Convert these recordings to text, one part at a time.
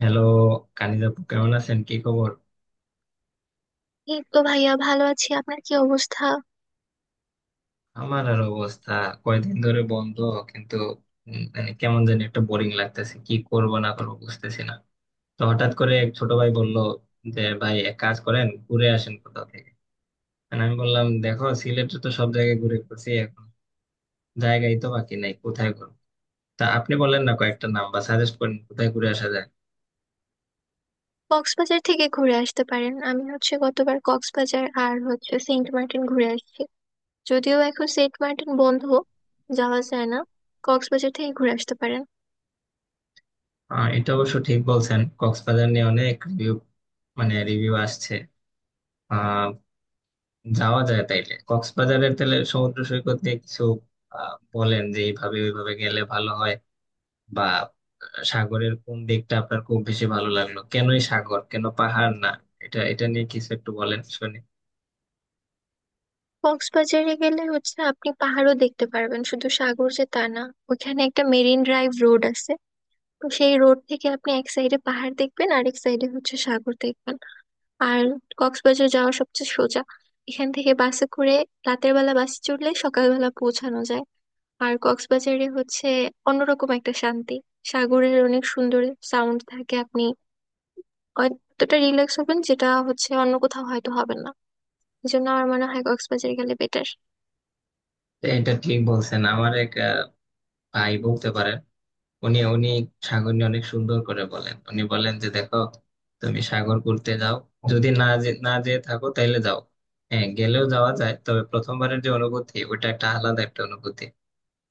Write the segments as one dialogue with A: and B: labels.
A: Hello. Kaniz আপু, কেমন আছেন? কি খবর?
B: এই তো ভাইয়া, ভালো আছি। আপনার কি অবস্থা?
A: আমার আর অবস্থা, কয়দিন ধরে বন্ধ, কিন্তু মানে কেমন জানি একটা বোরিং লাগতেছে, কি করব না করবো বুঝতেছি না। তো হঠাৎ করে এক ছোট ভাই বলল যে, ভাই এক কাজ করেন, ঘুরে আসেন কোথাও থেকে। মানে আমি বললাম, দেখো সিলেটে তো সব জায়গায় ঘুরে ঘুরছি, এখন জায়গাই তো বাকি নাই, কোথায় ঘুরবো। তা আপনি বলেন না, কয়েকটা নাম বা সাজেস্ট করেন কোথায় ঘুরে আসা যায়।
B: কক্সবাজার থেকে ঘুরে আসতে পারেন। আমি গতবার কক্সবাজার আর সেন্ট মার্টিন ঘুরে আসছি। যদিও এখন সেন্ট মার্টিন বন্ধ, যাওয়া যায় না। কক্সবাজার থেকে ঘুরে আসতে পারেন।
A: এটা অবশ্য ঠিক বলছেন, কক্সবাজার নিয়ে অনেক রিভিউ, মানে রিভিউ আসছে, যাওয়া যায় তাইলে। কক্সবাজারের তাহলে সমুদ্র সৈকত নিয়ে কিছু বলেন, যে এইভাবে ওইভাবে গেলে ভালো হয়। বা সাগরের কোন দিকটা আপনার খুব বেশি ভালো লাগলো, কেনই সাগর, কেন পাহাড় না, এটা এটা নিয়ে কিছু একটু বলেন শুনি।
B: কক্সবাজারে গেলে আপনি পাহাড়ও দেখতে পারবেন, শুধু সাগর যে তা না। ওখানে একটা মেরিন ড্রাইভ রোড আছে। তো সেই রোড থেকে আপনি এক সাইডে পাহাড় দেখবেন আর এক সাইডে সাগর দেখবেন। আর কক্সবাজার যাওয়া সবচেয়ে সোজা এখান থেকে বাসে করে। রাতের বেলা বাসে চড়লে সকালবেলা পৌঁছানো যায়। আর কক্সবাজারে অন্যরকম একটা শান্তি, সাগরের অনেক সুন্দর সাউন্ড থাকে। আপনি অতটা রিল্যাক্স হবেন যেটা অন্য কোথাও হয়তো হবেন না। এই জন্য আমার মনে হয় কক্সবাজার গেলে বেটার।
A: তো এটা ঠিক বলছেন, আমার এক ভাই বলতে পারেন, উনি উনি সাগর নিয়ে অনেক সুন্দর করে বলেন। উনি বলেন যে, দেখো তুমি সাগর ঘুরতে যাও, যদি না যেয়ে থাকো তাইলে যাও। হ্যাঁ গেলেও যাওয়া যায়, তবে প্রথমবারের যে অনুভূতি ওটা একটা আলাদা একটা অনুভূতি।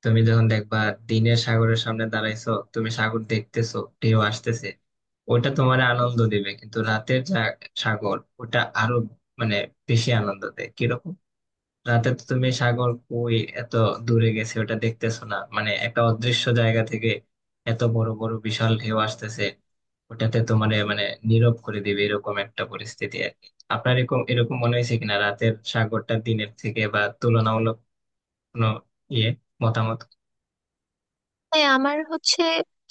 A: তুমি যখন দেখবা দিনের সাগরের সামনে দাঁড়াইছো, তুমি সাগর দেখতেছো, ঢেউ আসতেছে, ওটা তোমার আনন্দ দিবে, কিন্তু রাতের যা সাগর ওটা আরো মানে বেশি আনন্দ দেয়। কিরকম? রাতে তো তুমি সাগর কই এত দূরে গেছে ওটা দেখতেছো না, মানে একটা অদৃশ্য জায়গা থেকে এত বড় বড় বিশাল ঢেউ আসতেছে, ওটাতে তোমার মানে নীরব করে দিবে, এরকম একটা পরিস্থিতি আর কি। আপনার এরকম এরকম মনে হয়েছে কিনা, রাতের সাগরটা দিনের থেকে বা তুলনামূলক কোনো ইয়ে মতামত?
B: হ্যাঁ, আমার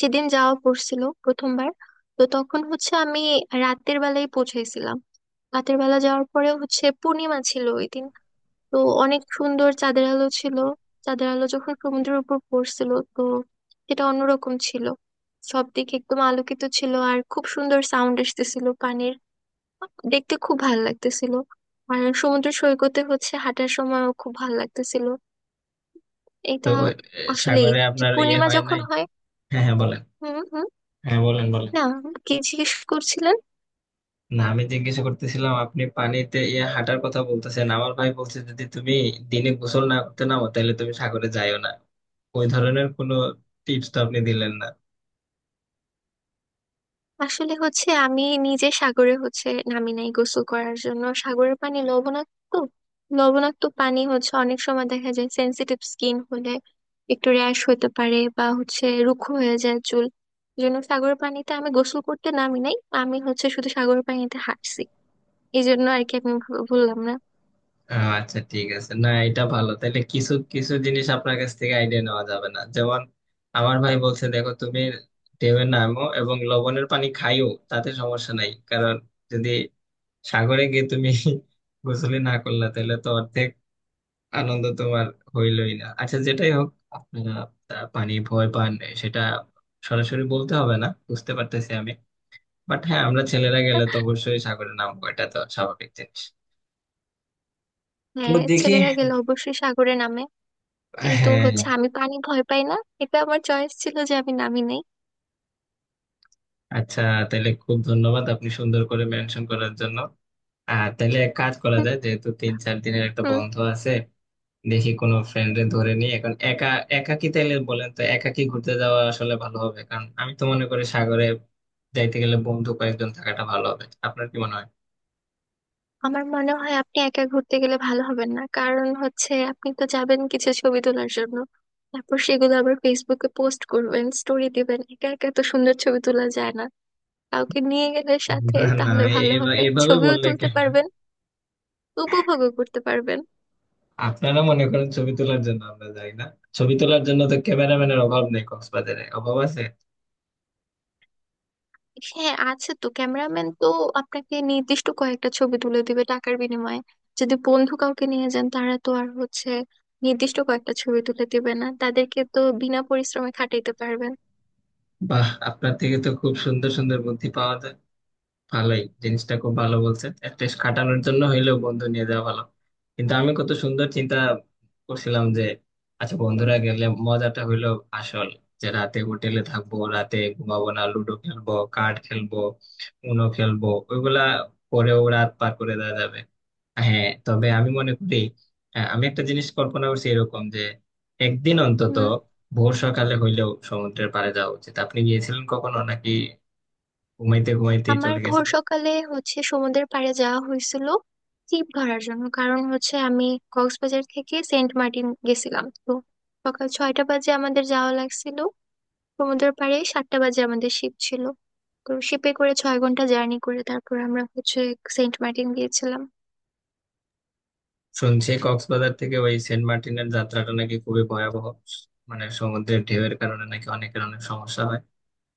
B: যেদিন যাওয়া পড়ছিল প্রথমবার, তো তখন আমি রাতের বেলায় পৌঁছেছিলাম। রাতের বেলা যাওয়ার পরে পূর্ণিমা ছিল ওই দিন। তো অনেক সুন্দর চাঁদের আলো ছিল। চাঁদের আলো যখন সমুদ্রের উপর পড়ছিল তো সেটা অন্যরকম ছিল। সব দিক একদম আলোকিত ছিল আর খুব সুন্দর সাউন্ড আসতেছিল পানির, দেখতে খুব ভালো লাগতেছিল। আর সমুদ্র সৈকতে হাঁটার সময়ও খুব ভালো লাগতেছিল
A: তো
B: এটা আসলেই।
A: সাগরে
B: যে
A: আপনার ইয়ে
B: পূর্ণিমা
A: হয়
B: যখন
A: নাই?
B: হয়।
A: হ্যাঁ হ্যাঁ বলেন।
B: হুম, হুম।
A: হ্যাঁ বলেন বলেন।
B: না, কি জিজ্ঞেস করছিলেন?
A: না আমি জিজ্ঞেস করতেছিলাম, আপনি পানিতে ইয়ে হাঁটার কথা বলতেছেন, আমার ভাই বলছে যদি তুমি দিনে গোসল না করতে নামো, তাহলে তুমি সাগরে যাইও না। ওই ধরনের কোনো টিপস তো আপনি দিলেন না।
B: আসলে আমি নিজে সাগরে নামি নাই গোসল করার জন্য। সাগরের পানি লবণাক্ত। লবণাক্ত পানি অনেক সময় দেখা যায় সেনসিটিভ স্কিন হলে একটু র্যাশ হতে পারে বা রুক্ষ হয়ে যায় চুল। এই জন্য সাগরের পানিতে আমি গোসল করতে নামি নাই। আমি শুধু সাগরের পানিতে হাঁটছি। এই জন্য আর কি আমি ভুললাম না।
A: আচ্ছা ঠিক আছে, না এটা ভালো, তাহলে কিছু কিছু জিনিস আপনার কাছ থেকে আইডিয়া নেওয়া যাবে না, যেমন আমার ভাই বলছে, দেখো তুমি ঢেউয়ে নামো এবং লবণের পানি খাইও, তাতে সমস্যা নাই, কারণ যদি সাগরে গিয়ে তুমি গোসলই না করলা, তাহলে তো অর্ধেক আনন্দ তোমার হইলই না। আচ্ছা যেটাই হোক, আপনারা তা পানি ভয় পান এ, সেটা সরাসরি বলতে হবে না, বুঝতে পারতেছি আমি। বাট হ্যাঁ, আমরা ছেলেরা গেলে তো অবশ্যই সাগরে নামবো, এটা তো স্বাভাবিক জিনিস। তো
B: হ্যাঁ,
A: দেখি।
B: ছেলেরা গেলে অবশ্যই সাগরে নামে। কিন্তু
A: হ্যাঁ।
B: আমি পানি ভয় পাই না। এটা আমার চয়েস ছিল যে আমি নামি নাই।
A: আচ্ছা, তাহলে খুব ধন্যবাদ আপনি সুন্দর করে মেনশন করার জন্য। আর তাহলে এক কাজ করা যায়, যেহেতু তিন চার দিনের একটা বন্ধ আছে, দেখি কোনো ফ্রেন্ডে ধরে নিয়ে। এখন একা, একা কি, তাইলে বলেন তো, একা কি ঘুরতে যাওয়া আসলে ভালো হবে? কারণ আমি তো মনে করি সাগরে যাইতে গেলে বন্ধু কয়েকজন থাকাটা ভালো হবে, আপনার কি মনে হয়?
B: আমার মনে হয় আপনি একা ঘুরতে গেলে ভালো হবেন না। কারণ আপনি তো যাবেন কিছু ছবি তোলার জন্য, তারপর সেগুলো আবার ফেসবুকে পোস্ট করবেন, স্টোরি দিবেন। একা একা তো সুন্দর ছবি তোলা যায় না। কাউকে নিয়ে গেলে সাথে
A: না,
B: তাহলে ভালো হবে,
A: এভাবে
B: ছবিও
A: বললে
B: তুলতে
A: কেন?
B: পারবেন, উপভোগও করতে পারবেন।
A: আপনারা মনে করেন ছবি তোলার জন্য আমরা যাই না, ছবি তোলার জন্য তো ক্যামেরাম্যানের অভাব নেই কক্সবাজারে, অভাব আছে।
B: হ্যাঁ, আছে তো ক্যামেরাম্যান, তো আপনাকে নির্দিষ্ট কয়েকটা ছবি তুলে দিবে টাকার বিনিময়ে। যদি বন্ধু কাউকে নিয়ে যান, তারা তো আর নির্দিষ্ট কয়েকটা ছবি তুলে দিবে না, তাদেরকে তো বিনা পরিশ্রমে খাটাইতে পারবেন।
A: বাহ, আপনার থেকে তো খুব সুন্দর সুন্দর বুদ্ধি পাওয়া যায়, ভালোই জিনিসটা খুব ভালো বলছে, একটা খাটানোর জন্য হইলেও বন্ধু নিয়ে যাওয়া ভালো। কিন্তু আমি কত সুন্দর চিন্তা করছিলাম যে, আচ্ছা বন্ধুরা গেলে মজাটা হইলো আসল, যে রাতে হোটেলে থাকবো, রাতে ঘুমাবো না, লুডো খেলবো, কার্ড খেলবো, উনো খেলবো, ওইগুলা পরেও রাত পার করে দেওয়া যাবে। হ্যাঁ তবে আমি মনে করি আমি একটা জিনিস কল্পনা করছি এরকম যে একদিন অন্তত
B: হুম।
A: ভোর সকালে হইলেও সমুদ্রের পাড়ে যাওয়া উচিত। আপনি গিয়েছিলেন কখনো নাকি ঘুমাইতে ঘুমাইতেই
B: আমার
A: চলে গেছে?
B: ভোর সকালে সমুদ্রের পাড়ে যাওয়া হয়েছিল ছিপ ধরার জন্য। কারণ আমি কক্সবাজার থেকে সেন্ট মার্টিন গেছিলাম তো, সকাল 6টা বাজে আমাদের যাওয়া লাগছিল সমুদ্রের পাড়ে। 7টা বাজে আমাদের শিপ ছিল। তো শিপে করে 6 ঘন্টা জার্নি করে তারপর আমরা সেন্ট মার্টিন গিয়েছিলাম।
A: শুনছি কক্সবাজার থেকে ওই সেন্ট মার্টিনের যাত্রাটা নাকি খুবই ভয়াবহ, মানে সমুদ্রের ঢেউয়ের কারণে নাকি অনেকের অনেক সমস্যা হয়,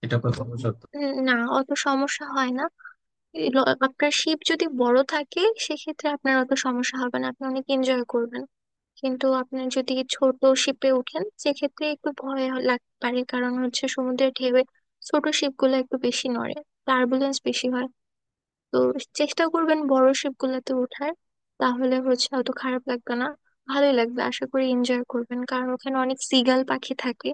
A: এটা কত সত্যি?
B: না, অত সমস্যা হয় না। আপনার শিপ যদি বড় থাকে সেক্ষেত্রে আপনার অত সমস্যা হবে না, আপনি অনেক এনজয় করবেন। কিন্তু আপনি যদি ছোট শিপে ওঠেন সেক্ষেত্রে একটু লাগতে পারে, কারণ সমুদ্রের ঢেউয়ে ছোট শিপগুলো একটু বেশি নড়ে, টার্বুলেন্স বেশি হয়। তো চেষ্টা করবেন বড় শিপগুলোতে ওঠার, তাহলে অত খারাপ লাগবে না, ভালোই লাগবে। আশা করি এনজয় করবেন, কারণ ওখানে অনেক সিগাল পাখি থাকে।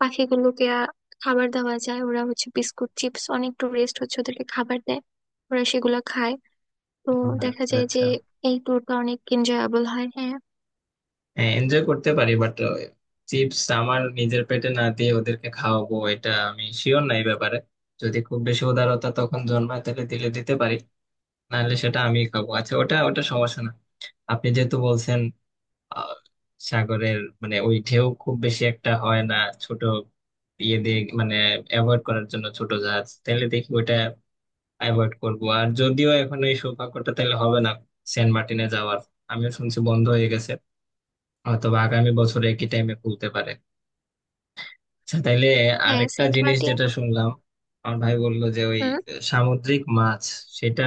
B: পাখিগুলোকে খাবার দেওয়া যায়। ওরা বিস্কুট চিপস, অনেক টুরিস্ট ওদেরকে খাবার দেয়, ওরা সেগুলো খায়। তো দেখা
A: আচ্ছা
B: যায় যে
A: আচ্ছা।
B: এই ট্যুরটা অনেক এনজয়াবল হয়। হ্যাঁ,
A: হ্যাঁ, এনজয় করতে পারি, বাট চিপস আমার নিজের পেটে না দিয়ে ওদেরকে খাওয়াবো এটা আমি শিওর নাই ব্যাপারে। যদি খুব বেশি উদারতা তখন জন্মায়, তাহলে দিলে দিতে পারি, নাহলে সেটা আমিই খাবো। আচ্ছা ওটা ওটা সমস্যা না, আপনি যেহেতু বলছেন আহ, সাগরের মানে ওই ঢেউ খুব বেশি একটা হয় না ছোট ইয়ে দিয়ে, মানে অ্যাভয়েড করার জন্য ছোট জাহাজ, তাহলে দেখি ওইটা অ্যাভয়েড করব। আর যদিও এখন এই সৌভাগ্যটা তাহলে হবে না সেন্ট মার্টিনে যাওয়ার, আমিও শুনছি বন্ধ হয়ে গেছে, হয়তো বা আগামী বছরে একই টাইমে খুলতে পারে। আচ্ছা তাইলে
B: হ্যাঁ,
A: আরেকটা
B: সেন্ট
A: জিনিস
B: মার্টিন।
A: যেটা শুনলাম, আমার ভাই বললো যে ওই
B: হুম।
A: সামুদ্রিক মাছ, সেটা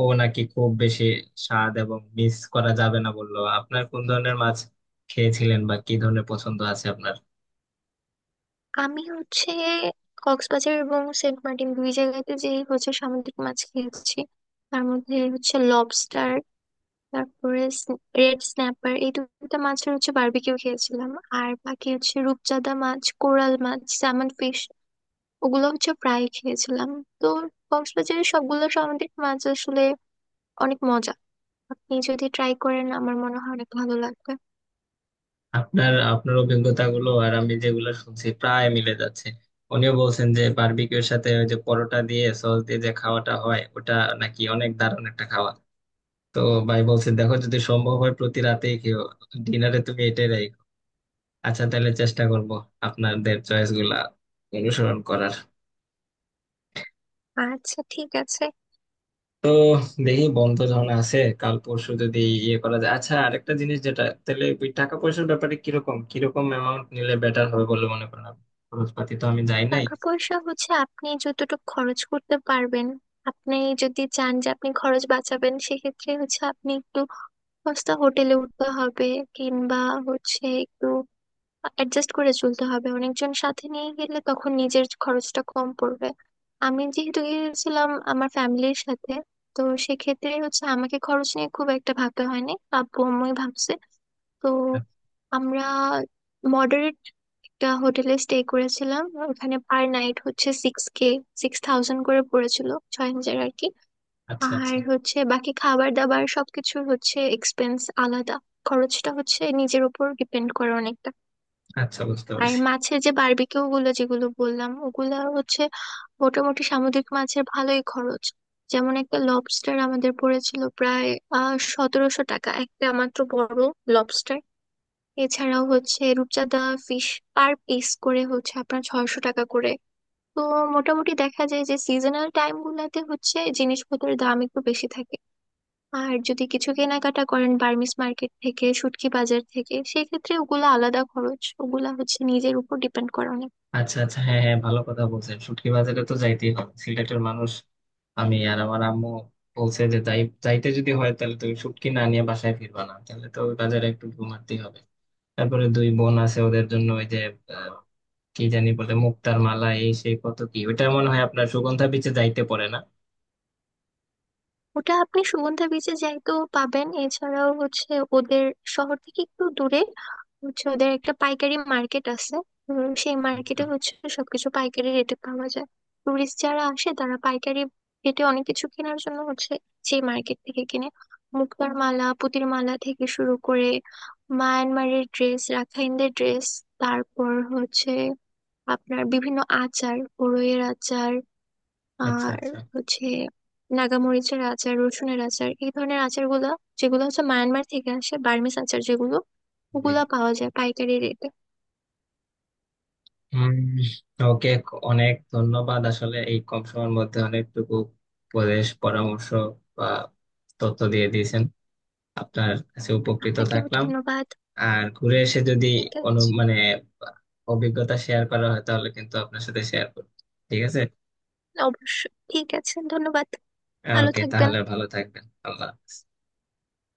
A: ও নাকি খুব বেশি স্বাদ এবং মিস করা যাবে না বললো। আপনার কোন ধরনের মাছ খেয়েছিলেন বা কি ধরনের পছন্দ আছে আপনার?
B: আমি কক্সবাজার এবং সেন্ট মার্টিন দুই জায়গাতে যে সামুদ্রিক মাছ খেয়েছি, তার মধ্যে লবস্টার, তারপরে রেড স্ন্যাপার, এই দুটো মাছের বারবিকিউ খেয়েছিলাম। আর বাকি রূপচাঁদা মাছ, কোরাল মাছ, স্যামন ফিশ, ওগুলো ফ্রাই খেয়েছিলাম। তো কক্সবাজারের সবগুলো সামুদ্রিক মাছ আসলে অনেক মজা, আপনি যদি ট্রাই করেন আমার মনে হয় অনেক ভালো লাগবে।
A: আপনার অভিজ্ঞতাগুলো আর আমি যেগুলো শুনছি প্রায় মিলে যাচ্ছে। উনিও বলছেন যে বারবিকিউর সাথে ওই যে পরোটা দিয়ে সস দিয়ে যে খাওয়াটা হয় ওটা নাকি অনেক দারুণ একটা খাওয়া। তো ভাই বলছে দেখো যদি সম্ভব হয় প্রতি রাতেই খেও ডিনারে তুমি। আচ্ছা তাহলে চেষ্টা করব আপনাদের চয়েস গুলা অনুসরণ করার।
B: আচ্ছা, ঠিক আছে।
A: তো দেখি বন্ধ যখন আছে, কাল পরশু যদি ইয়ে করা যায়। আচ্ছা আরেকটা জিনিস, যেটা তাহলে ওই টাকা পয়সার ব্যাপারে, কিরকম কিরকম অ্যামাউন্ট নিলে বেটার হবে বলে মনে করেন আপনি? খরচপাতি, তো আমি যাই নাই।
B: টাকা পয়সা আপনি যতটুকু খরচ করতে পারবেন। আপনি যদি চান যে আপনি খরচ বাঁচাবেন সেক্ষেত্রে আপনি একটু সস্তা হোটেলে উঠতে হবে, কিংবা একটু অ্যাডজাস্ট করে চলতে হবে। অনেকজন সাথে নিয়ে গেলে তখন নিজের খরচটা কম পড়বে। আমি যেহেতু গিয়েছিলাম আমার ফ্যামিলির সাথে, তো সেক্ষেত্রে আমাকে খরচ নিয়ে খুব একটা ভাবতে হয়নি, আব্বু আম্মুই ভাবছে। তো আমরা মডারেট একটা হোটেলে স্টে করেছিলাম। ওখানে পার নাইট 6K, 6,000 করে পড়েছিল, 6,000 আর কি।
A: আচ্ছা
B: আর
A: আচ্ছা।
B: বাকি খাবার দাবার সবকিছুর এক্সপেন্স আলাদা। খরচটা নিজের উপর ডিপেন্ড করে অনেকটা।
A: আচ্ছা বুঝতে
B: আর
A: পারছি।
B: মাছের যে বারবিকিউ গুলো যেগুলো বললাম ওগুলো মোটামুটি সামুদ্রিক মাছের ভালোই খরচ। যেমন একটা লবস্টার আমাদের পড়েছিল প্রায় 1,700 টাকা, একটা মাত্র বড় লবস্টার। এছাড়াও রূপচাঁদা ফিশ পার পিস করে আপনার 600 টাকা করে। তো মোটামুটি দেখা যায় যে সিজনাল টাইম গুলাতে জিনিসপত্রের দাম একটু বেশি থাকে। আর যদি কিছু কেনাকাটা করেন বার্মিস মার্কেট থেকে, শুটকি বাজার থেকে, সেক্ষেত্রে ওগুলা আলাদা খরচ, ওগুলা নিজের উপর ডিপেন্ড করে অনেক।
A: আচ্ছা আচ্ছা, হ্যাঁ হ্যাঁ, ভালো কথা বলছেন, শুটকি বাজারে তো যাইতেই হবে সিলেটের মানুষ আমি। আর আমার আম্মু বলছে যে যাই যাইতে যদি হয় তাহলে তুমি শুটকি না নিয়ে বাসায় ফিরবা না, তাহলে তো ওই বাজারে একটু ঘুমাতেই হবে। তারপরে দুই বোন আছে ওদের জন্য ওই যে আহ, কি জানি বলে মুক্তার মালা, এই সেই কত কি, ওটা মনে হয় আপনার সুগন্ধা বিচে যাইতে পারে না?
B: ওটা আপনি সুগন্ধা বিচে যাইতেও পাবেন, এছাড়াও ওদের শহর থেকে একটু দূরে ওদের একটা পাইকারি মার্কেট আছে। সেই
A: আচ্ছা
B: মার্কেটে সবকিছু পাইকারি রেটে পাওয়া যায়। টুরিস্ট যারা আসে তারা পাইকারি রেটে অনেক কিছু কেনার জন্য সেই মার্কেট থেকে কিনে মুক্তার মালা, পুতির মালা থেকে শুরু করে মায়ানমারের ড্রেস, রাখাইনদের ড্রেস, তারপর আপনার বিভিন্ন আচার, বড়ইয়ের আচার,
A: আচ্ছা।
B: আর
A: আচ্ছা।
B: হচ্ছে নাগামরিচের আচার, রসুনের আচার, এই ধরনের আচারগুলো যেগুলো মায়ানমার থেকে আসে, বার্মিজ আচার, যেগুলো
A: জি।
B: ওগুলা পাওয়া যায় পাইকারি রেটে।
A: উম, ওকে, অনেক ধন্যবাদ আসলে এই কম সময়ের মধ্যে অনেকটুকু উপদেশ, পরামর্শ বা তথ্য দিয়ে দিয়েছেন, আপনার কাছে উপকৃত
B: আপনাকেও
A: থাকলাম।
B: ধন্যবাদ।
A: আর ঘুরে এসে যদি
B: ঠিক
A: অনু
B: আছে।
A: মানে অভিজ্ঞতা শেয়ার করা হয় তাহলে কিন্তু আপনার সাথে শেয়ার করব। ঠিক আছে।
B: অবশ্যই, ঠিক আছে। ধন্যবাদ। ভালো
A: ওকে
B: থাকবেন।
A: তাহলে ভালো থাকবেন, আল্লাহ হাফেজ।